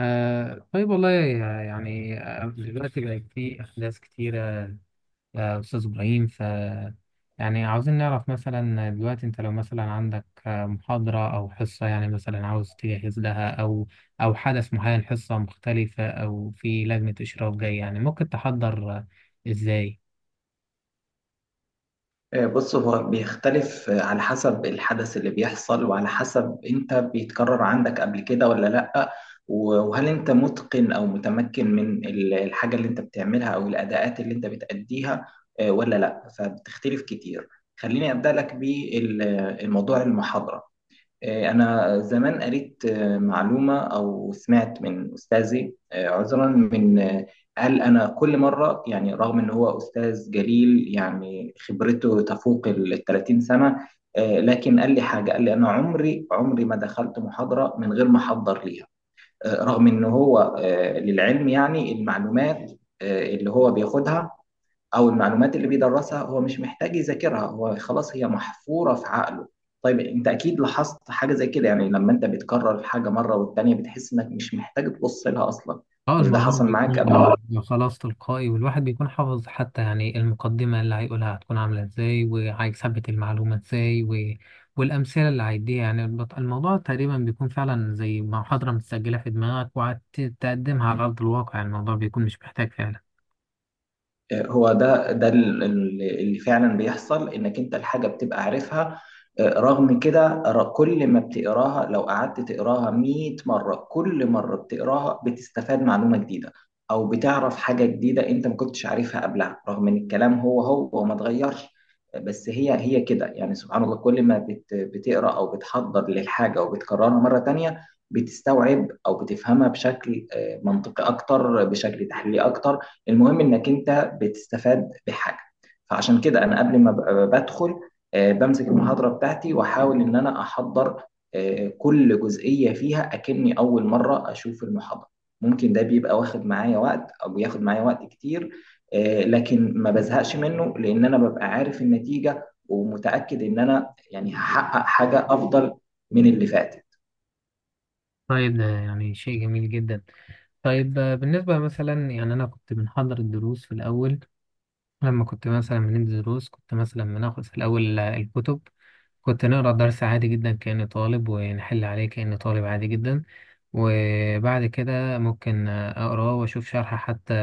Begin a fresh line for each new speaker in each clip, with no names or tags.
آه طيب والله. يعني دلوقتي بقى في أحداث كتيرة يا أستاذ إبراهيم يعني عاوزين نعرف مثلا دلوقتي أنت لو مثلا عندك محاضرة أو حصة يعني مثلا عاوز تجهز لها أو حدث معين حصة مختلفة أو في لجنة إشراف جاي يعني ممكن تحضر إزاي؟
بص هو بيختلف على حسب الحدث اللي بيحصل وعلى حسب انت بيتكرر عندك قبل كده ولا لأ. و- وهل انت متقن او متمكن من الحاجة اللي انت بتعملها او الأداءات اللي انت بتأديها ولا لأ، فبتختلف كتير. خليني أبدأ لك بالموضوع المحاضرة. أنا زمان قريت معلومة أو سمعت من أستاذي، عذرا من قال: أنا كل مرة يعني رغم إن هو أستاذ جليل يعني خبرته تفوق ال 30 سنة، لكن قال لي حاجة، قال لي: أنا عمري ما دخلت محاضرة من غير ما أحضر ليها، رغم إن هو للعلم يعني المعلومات اللي هو بياخدها او المعلومات اللي بيدرسها هو مش محتاج يذاكرها، هو خلاص هي محفورة في عقله. طيب انت اكيد لاحظت حاجة زي كده، يعني لما انت بتكرر الحاجة مرة والتانية بتحس انك مش محتاج تبص لها اصلا.
اه،
مش ده
الموضوع
حصل
بيكون
معاك قبل؟
يعني خلاص تلقائي والواحد بيكون حافظ حتى يعني المقدمة اللي هيقولها هتكون عاملة ازاي وهيثبت المعلومة ازاي والأمثلة اللي هيديها يعني الموضوع تقريبا بيكون فعلا زي محاضرة متسجلة في دماغك وهتقدمها على أرض الواقع يعني الموضوع بيكون مش محتاج فعلا.
هو ده اللي فعلا بيحصل، انك انت الحاجه بتبقى عارفها، رغم كده كل ما بتقراها، لو قعدت تقراها 100 مره كل مره بتقراها بتستفاد معلومه جديده او بتعرف حاجه جديده انت ما كنتش عارفها قبلها، رغم ان الكلام هو هو وما اتغيرش. بس هي كده يعني، سبحان الله، كل ما بتقرا او بتحضر للحاجه وبتكررها مره تانية بتستوعب او بتفهمها بشكل منطقي اكتر، بشكل تحليلي اكتر. المهم انك انت بتستفاد بحاجه. فعشان كده انا قبل ما بدخل بمسك المحاضره بتاعتي واحاول ان انا احضر كل جزئيه فيها، اكني اول مره اشوف المحاضره. ممكن ده بيبقى واخد معايا وقت او بياخد معايا وقت كتير، لكن ما بزهقش منه لان انا ببقى عارف النتيجه ومتاكد ان انا يعني هحقق حاجه افضل من اللي فات.
طيب ده يعني شيء جميل جدا. طيب بالنسبة مثلا يعني أنا كنت بنحضر الدروس في الأول. لما كنت مثلا بندي دروس كنت مثلا بناخد في الأول الكتب. كنت نقرا الدرس عادي جدا كأني طالب ونحل عليه كأني طالب عادي جدا. وبعد كده ممكن أقراه وأشوف شرح حتى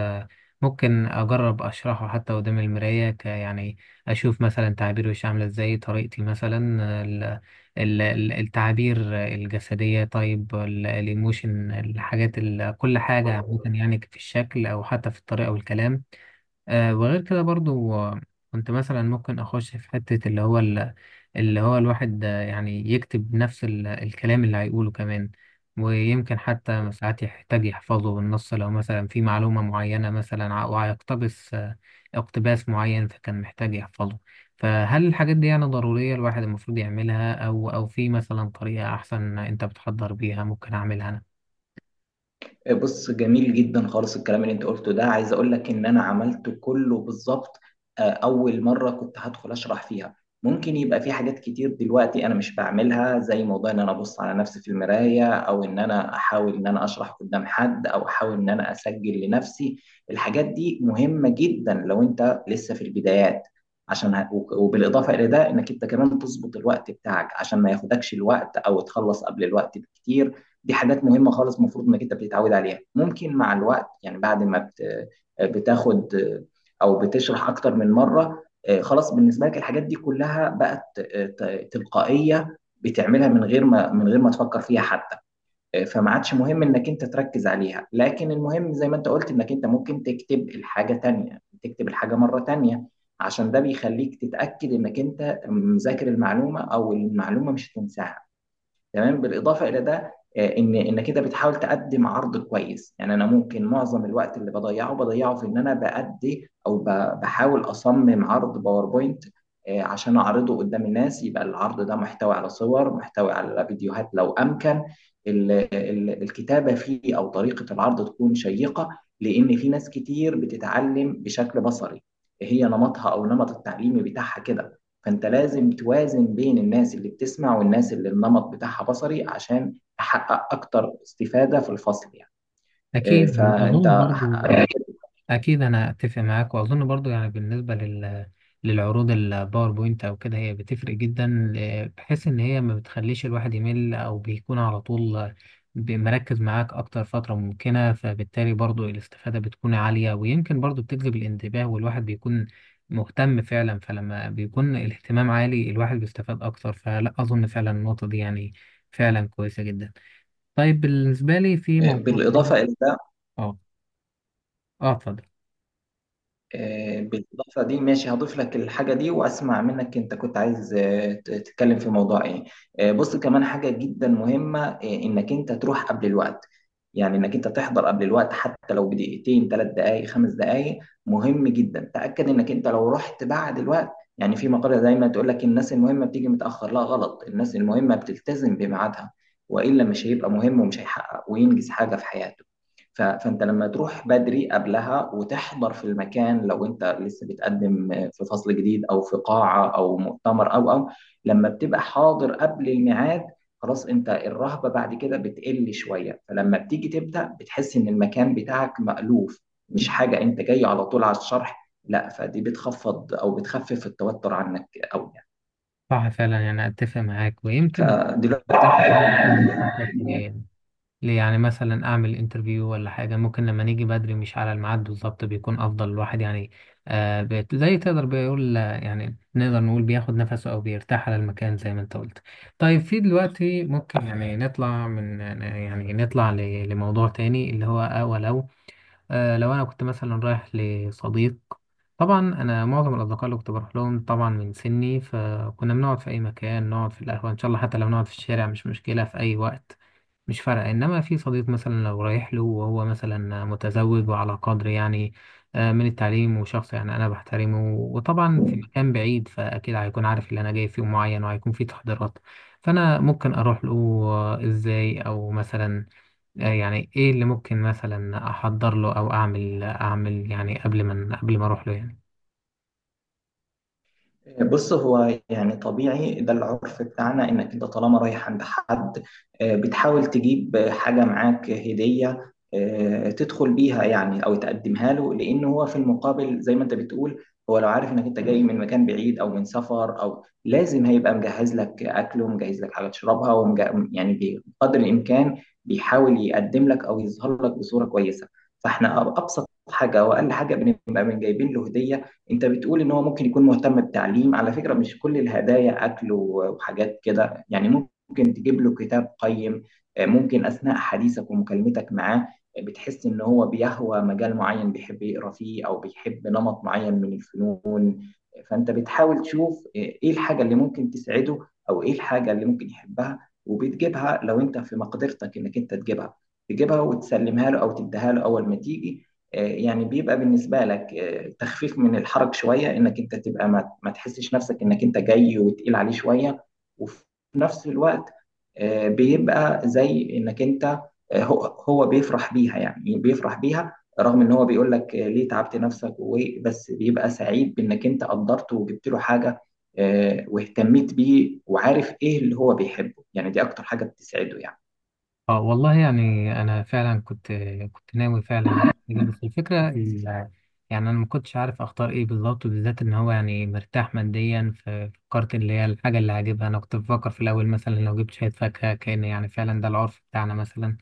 ممكن أجرب أشرحه حتى قدام المراية ك يعني أشوف مثلا تعبير وشي عاملة إزاي طريقتي مثلا ال- التعابير الجسدية. طيب الإيموشن الحاجات كل حاجة عامة يعني في الشكل أو حتى في الطريقة والكلام وغير كده برضو كنت مثلا ممكن اخش في حتة اللي هو اللي هو الواحد يعني يكتب نفس الكلام اللي هيقوله كمان ويمكن حتى ساعات يحتاج يحفظه بالنص لو مثلا في معلومة معينة مثلا وهيقتبس اقتباس معين فكان محتاج يحفظه. فهل الحاجات دي يعني ضرورية الواحد المفروض يعملها أو في مثلا طريقة أحسن أنت بتحضر بيها ممكن أعملها أنا؟
بص، جميل جدا خالص الكلام اللي انت قلته ده، عايز اقول لك ان انا عملته كله بالظبط. اول مره كنت هدخل اشرح فيها ممكن يبقى في حاجات كتير دلوقتي انا مش بعملها، زي موضوع ان انا ابص على نفسي في المرايه، او ان انا احاول ان انا اشرح قدام حد، او احاول ان انا اسجل لنفسي. الحاجات دي مهمه جدا لو انت لسه في البدايات، عشان وبالاضافه الى ده انك انت كمان تظبط الوقت بتاعك عشان ما ياخدكش الوقت او تخلص قبل الوقت بكتير. دي حاجات مهمة خالص المفروض انك انت بتتعود عليها. ممكن مع الوقت يعني بعد ما بتاخد او بتشرح اكتر من مرة خلاص بالنسبة لك الحاجات دي كلها بقت تلقائية، بتعملها من غير ما تفكر فيها حتى، فما عادش مهم انك انت تركز عليها. لكن المهم زي ما انت قلت، انك انت ممكن تكتب الحاجة تانية، تكتب الحاجة مرة تانية، عشان ده بيخليك تتأكد انك انت مذاكر المعلومة او المعلومة مش هتنساها. تمام. بالاضافه الى ده ان كده بتحاول تقدم عرض كويس. يعني انا ممكن معظم الوقت اللي بضيعه في ان انا بأدي او بحاول اصمم عرض باوربوينت عشان اعرضه قدام الناس. يبقى العرض ده محتوي على صور، محتوي على فيديوهات لو امكن، الكتابه فيه او طريقه العرض تكون شيقه، لان في ناس كتير بتتعلم بشكل بصري، هي نمطها او نمط التعليمي بتاعها كده. فانت لازم توازن بين الناس اللي بتسمع والناس اللي النمط بتاعها بصري عشان تحقق اكتر استفادة في الفصل يعني. آه،
أكيد
فانت
وأظن برضو. أكيد أنا أتفق معاك وأظن برضو يعني بالنسبة للعروض الباوربوينت أو كده هي بتفرق جدا بحيث إن هي ما بتخليش الواحد يمل أو بيكون على طول مركز معاك أكتر فترة ممكنة فبالتالي برضو الاستفادة بتكون عالية ويمكن برضو بتجذب الانتباه والواحد بيكون مهتم فعلا. فلما بيكون الاهتمام عالي الواحد بيستفاد أكتر فلا أظن فعلا النقطة دي يعني فعلا كويسة جدا. طيب بالنسبة لي في
آه،
موضوع تاني.
بالاضافة الى
اه. اه، اتفضل.
آه، بالإضافة دي ماشي، هضيف لك الحاجة دي وأسمع منك، أنت كنت عايز تتكلم في موضوع إيه؟ بص، كمان حاجة جدا مهمة، إنك أنت تروح قبل الوقت، يعني إنك أنت تحضر قبل الوقت حتى لو بدقيقتين، ثلاث دقايق، خمس دقايق. مهم جدا تأكد إنك أنت لو رحت بعد الوقت، يعني في مقالة دايما تقول لك: الناس المهمة بتيجي متأخر، لا غلط، الناس المهمة بتلتزم بميعادها، وإلا مش هيبقى مهم ومش هيحقق وينجز حاجة في حياته. ف- فانت لما تروح بدري قبلها وتحضر في المكان، لو انت لسه بتقدم في فصل جديد او في قاعه او مؤتمر او لما بتبقى حاضر قبل الميعاد، خلاص انت الرهبه بعد كده بتقل شويه، فلما بتيجي تبدا بتحس ان المكان بتاعك مألوف، مش حاجه انت جاي على طول على الشرح، لا، فدي بتخفض او بتخفف التوتر عنك قوي يعني.
صح فعلا يعني أتفق معاك ويمكن
فدلوقتي
أنا مثلا أخطط يعني مثلا أعمل انترفيو ولا حاجة ممكن لما نيجي بدري مش على الميعاد بالظبط بيكون أفضل الواحد يعني زي تقدر بيقول يعني نقدر نقول بياخد نفسه أو بيرتاح على المكان زي ما أنت قلت. طيب في دلوقتي ممكن يعني نطلع من يعني نطلع لموضوع تاني اللي هو ولو لو أنا كنت مثلا رايح لصديق. طبعا انا معظم الاصدقاء اللي كنت بروح لهم طبعا من سني فكنا بنقعد في اي مكان نقعد في القهوه ان شاء الله حتى لو نقعد في الشارع مش مشكله في اي وقت. مش فارقه انما في صديق مثلا لو رايح له وهو مثلا متزوج وعلى قدر يعني من التعليم وشخص يعني انا بحترمه وطبعا في مكان بعيد فاكيد هيكون عارف اللي انا جاي في يوم معين وهيكون في تحضيرات فانا ممكن اروح له ازاي او مثلا يعني ايه اللي ممكن مثلا احضر له او اعمل اعمل يعني قبل ما اروح له يعني.
بص، هو يعني طبيعي، ده العرف بتاعنا، انك انت طالما رايح عند حد، بتحاول تجيب حاجة معاك هدية تدخل بيها يعني او تقدمها له، لان هو في المقابل زي ما انت بتقول، هو لو عارف انك انت جاي من مكان بعيد او من سفر، او لازم هيبقى مجهز لك اكل ومجهز لك حاجة تشربها يعني بقدر الامكان بيحاول يقدم لك او يظهر لك بصورة كويسة. فاحنا ابسط حاجة واقل حاجة بنبقى من جايبين له هدية. انت بتقول ان هو ممكن يكون مهتم بالتعليم، على فكرة مش كل الهدايا اكل وحاجات كده يعني، ممكن تجيب له كتاب قيم. ممكن اثناء حديثك ومكالمتك معاه بتحس ان هو بيهوى مجال معين بيحب يقرا فيه، او بيحب نمط معين من الفنون، فانت بتحاول تشوف ايه الحاجه اللي ممكن تسعده، او ايه الحاجه اللي ممكن يحبها، وبتجيبها. لو انت في مقدرتك انك انت تجيبها، تجيبها وتسلمها له او تديها له اول ما تيجي، يعني بيبقى بالنسبه لك تخفيف من الحرج شويه، انك انت تبقى ما تحسش نفسك انك انت جاي وتقيل عليه شويه. وفي نفس الوقت بيبقى زي انك انت هو هو بيفرح بيها يعني، بيفرح بيها، رغم ان هو بيقول لك ليه تعبت نفسك بس بيبقى سعيد بانك انت قدرته وجبت له حاجه واهتميت بيه وعارف ايه اللي هو بيحبه، يعني دي اكتر حاجه بتسعده يعني.
اه والله يعني انا فعلا كنت ناوي فعلا أجي، بس الفكره يعني انا ما كنتش عارف اختار ايه بالظبط بالذات ان هو يعني مرتاح ماديا ففكرت اللي هي الحاجه اللي هجيبها انا كنت بفكر في الاول مثلا لو جبت شويه فاكهه كان يعني فعلا ده العرف بتاعنا مثلا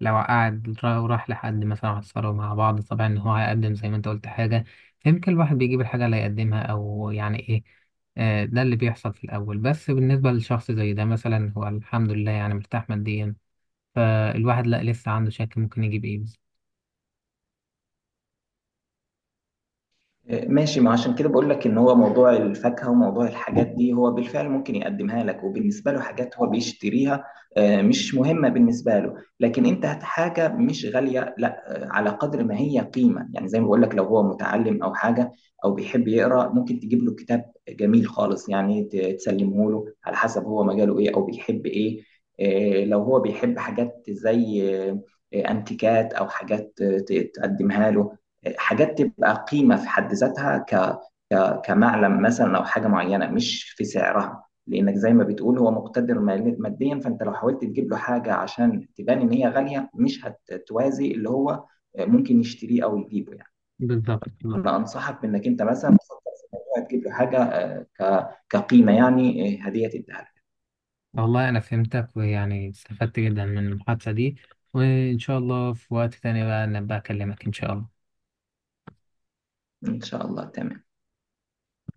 لو قعد وراح لحد مثلا عصروا مع بعض طبعا ان هو هيقدم زي ما انت قلت حاجه فيمكن الواحد بيجيب الحاجه اللي هيقدمها او يعني ايه ده اللي بيحصل في الأول بس بالنسبة لشخص زي ده مثلا هو الحمد لله يعني مرتاح ماديا فالواحد لا لسه عنده شك ممكن يجيب ايه بس.
ماشي، ما عشان كده بقول لك ان هو موضوع الفاكهه وموضوع الحاجات دي هو بالفعل ممكن يقدمها لك، وبالنسبه له حاجات هو بيشتريها، مش مهمه بالنسبه له. لكن انت هات حاجه مش غاليه، لا على قدر ما هي قيمه، يعني زي ما بقول لك لو هو متعلم او حاجه او بيحب يقرا، ممكن تجيب له كتاب جميل خالص، يعني تسلمه له على حسب هو مجاله ايه او بيحب ايه. لو هو بيحب حاجات زي انتيكات او حاجات تقدمها له، حاجات تبقى قيمة في حد ذاتها، كمعلم مثلا، أو حاجة معينة مش في سعرها، لأنك زي ما بتقول هو مقتدر ماديا، فأنت لو حاولت تجيب له حاجة عشان تبان إن هي غالية، مش هتوازي اللي هو ممكن يشتريه أو يجيبه يعني.
بالظبط بالظبط.
أنا أنصحك بإنك أنت مثلا تفكر في الموضوع، تجيب له حاجة كقيمة يعني، هدية تديها له.
والله انا فهمتك ويعني استفدت جدا من المحادثة دي وان شاء الله في وقت تاني بقى نبقى اكلمك ان شاء الله.
إن شاء الله. تمام.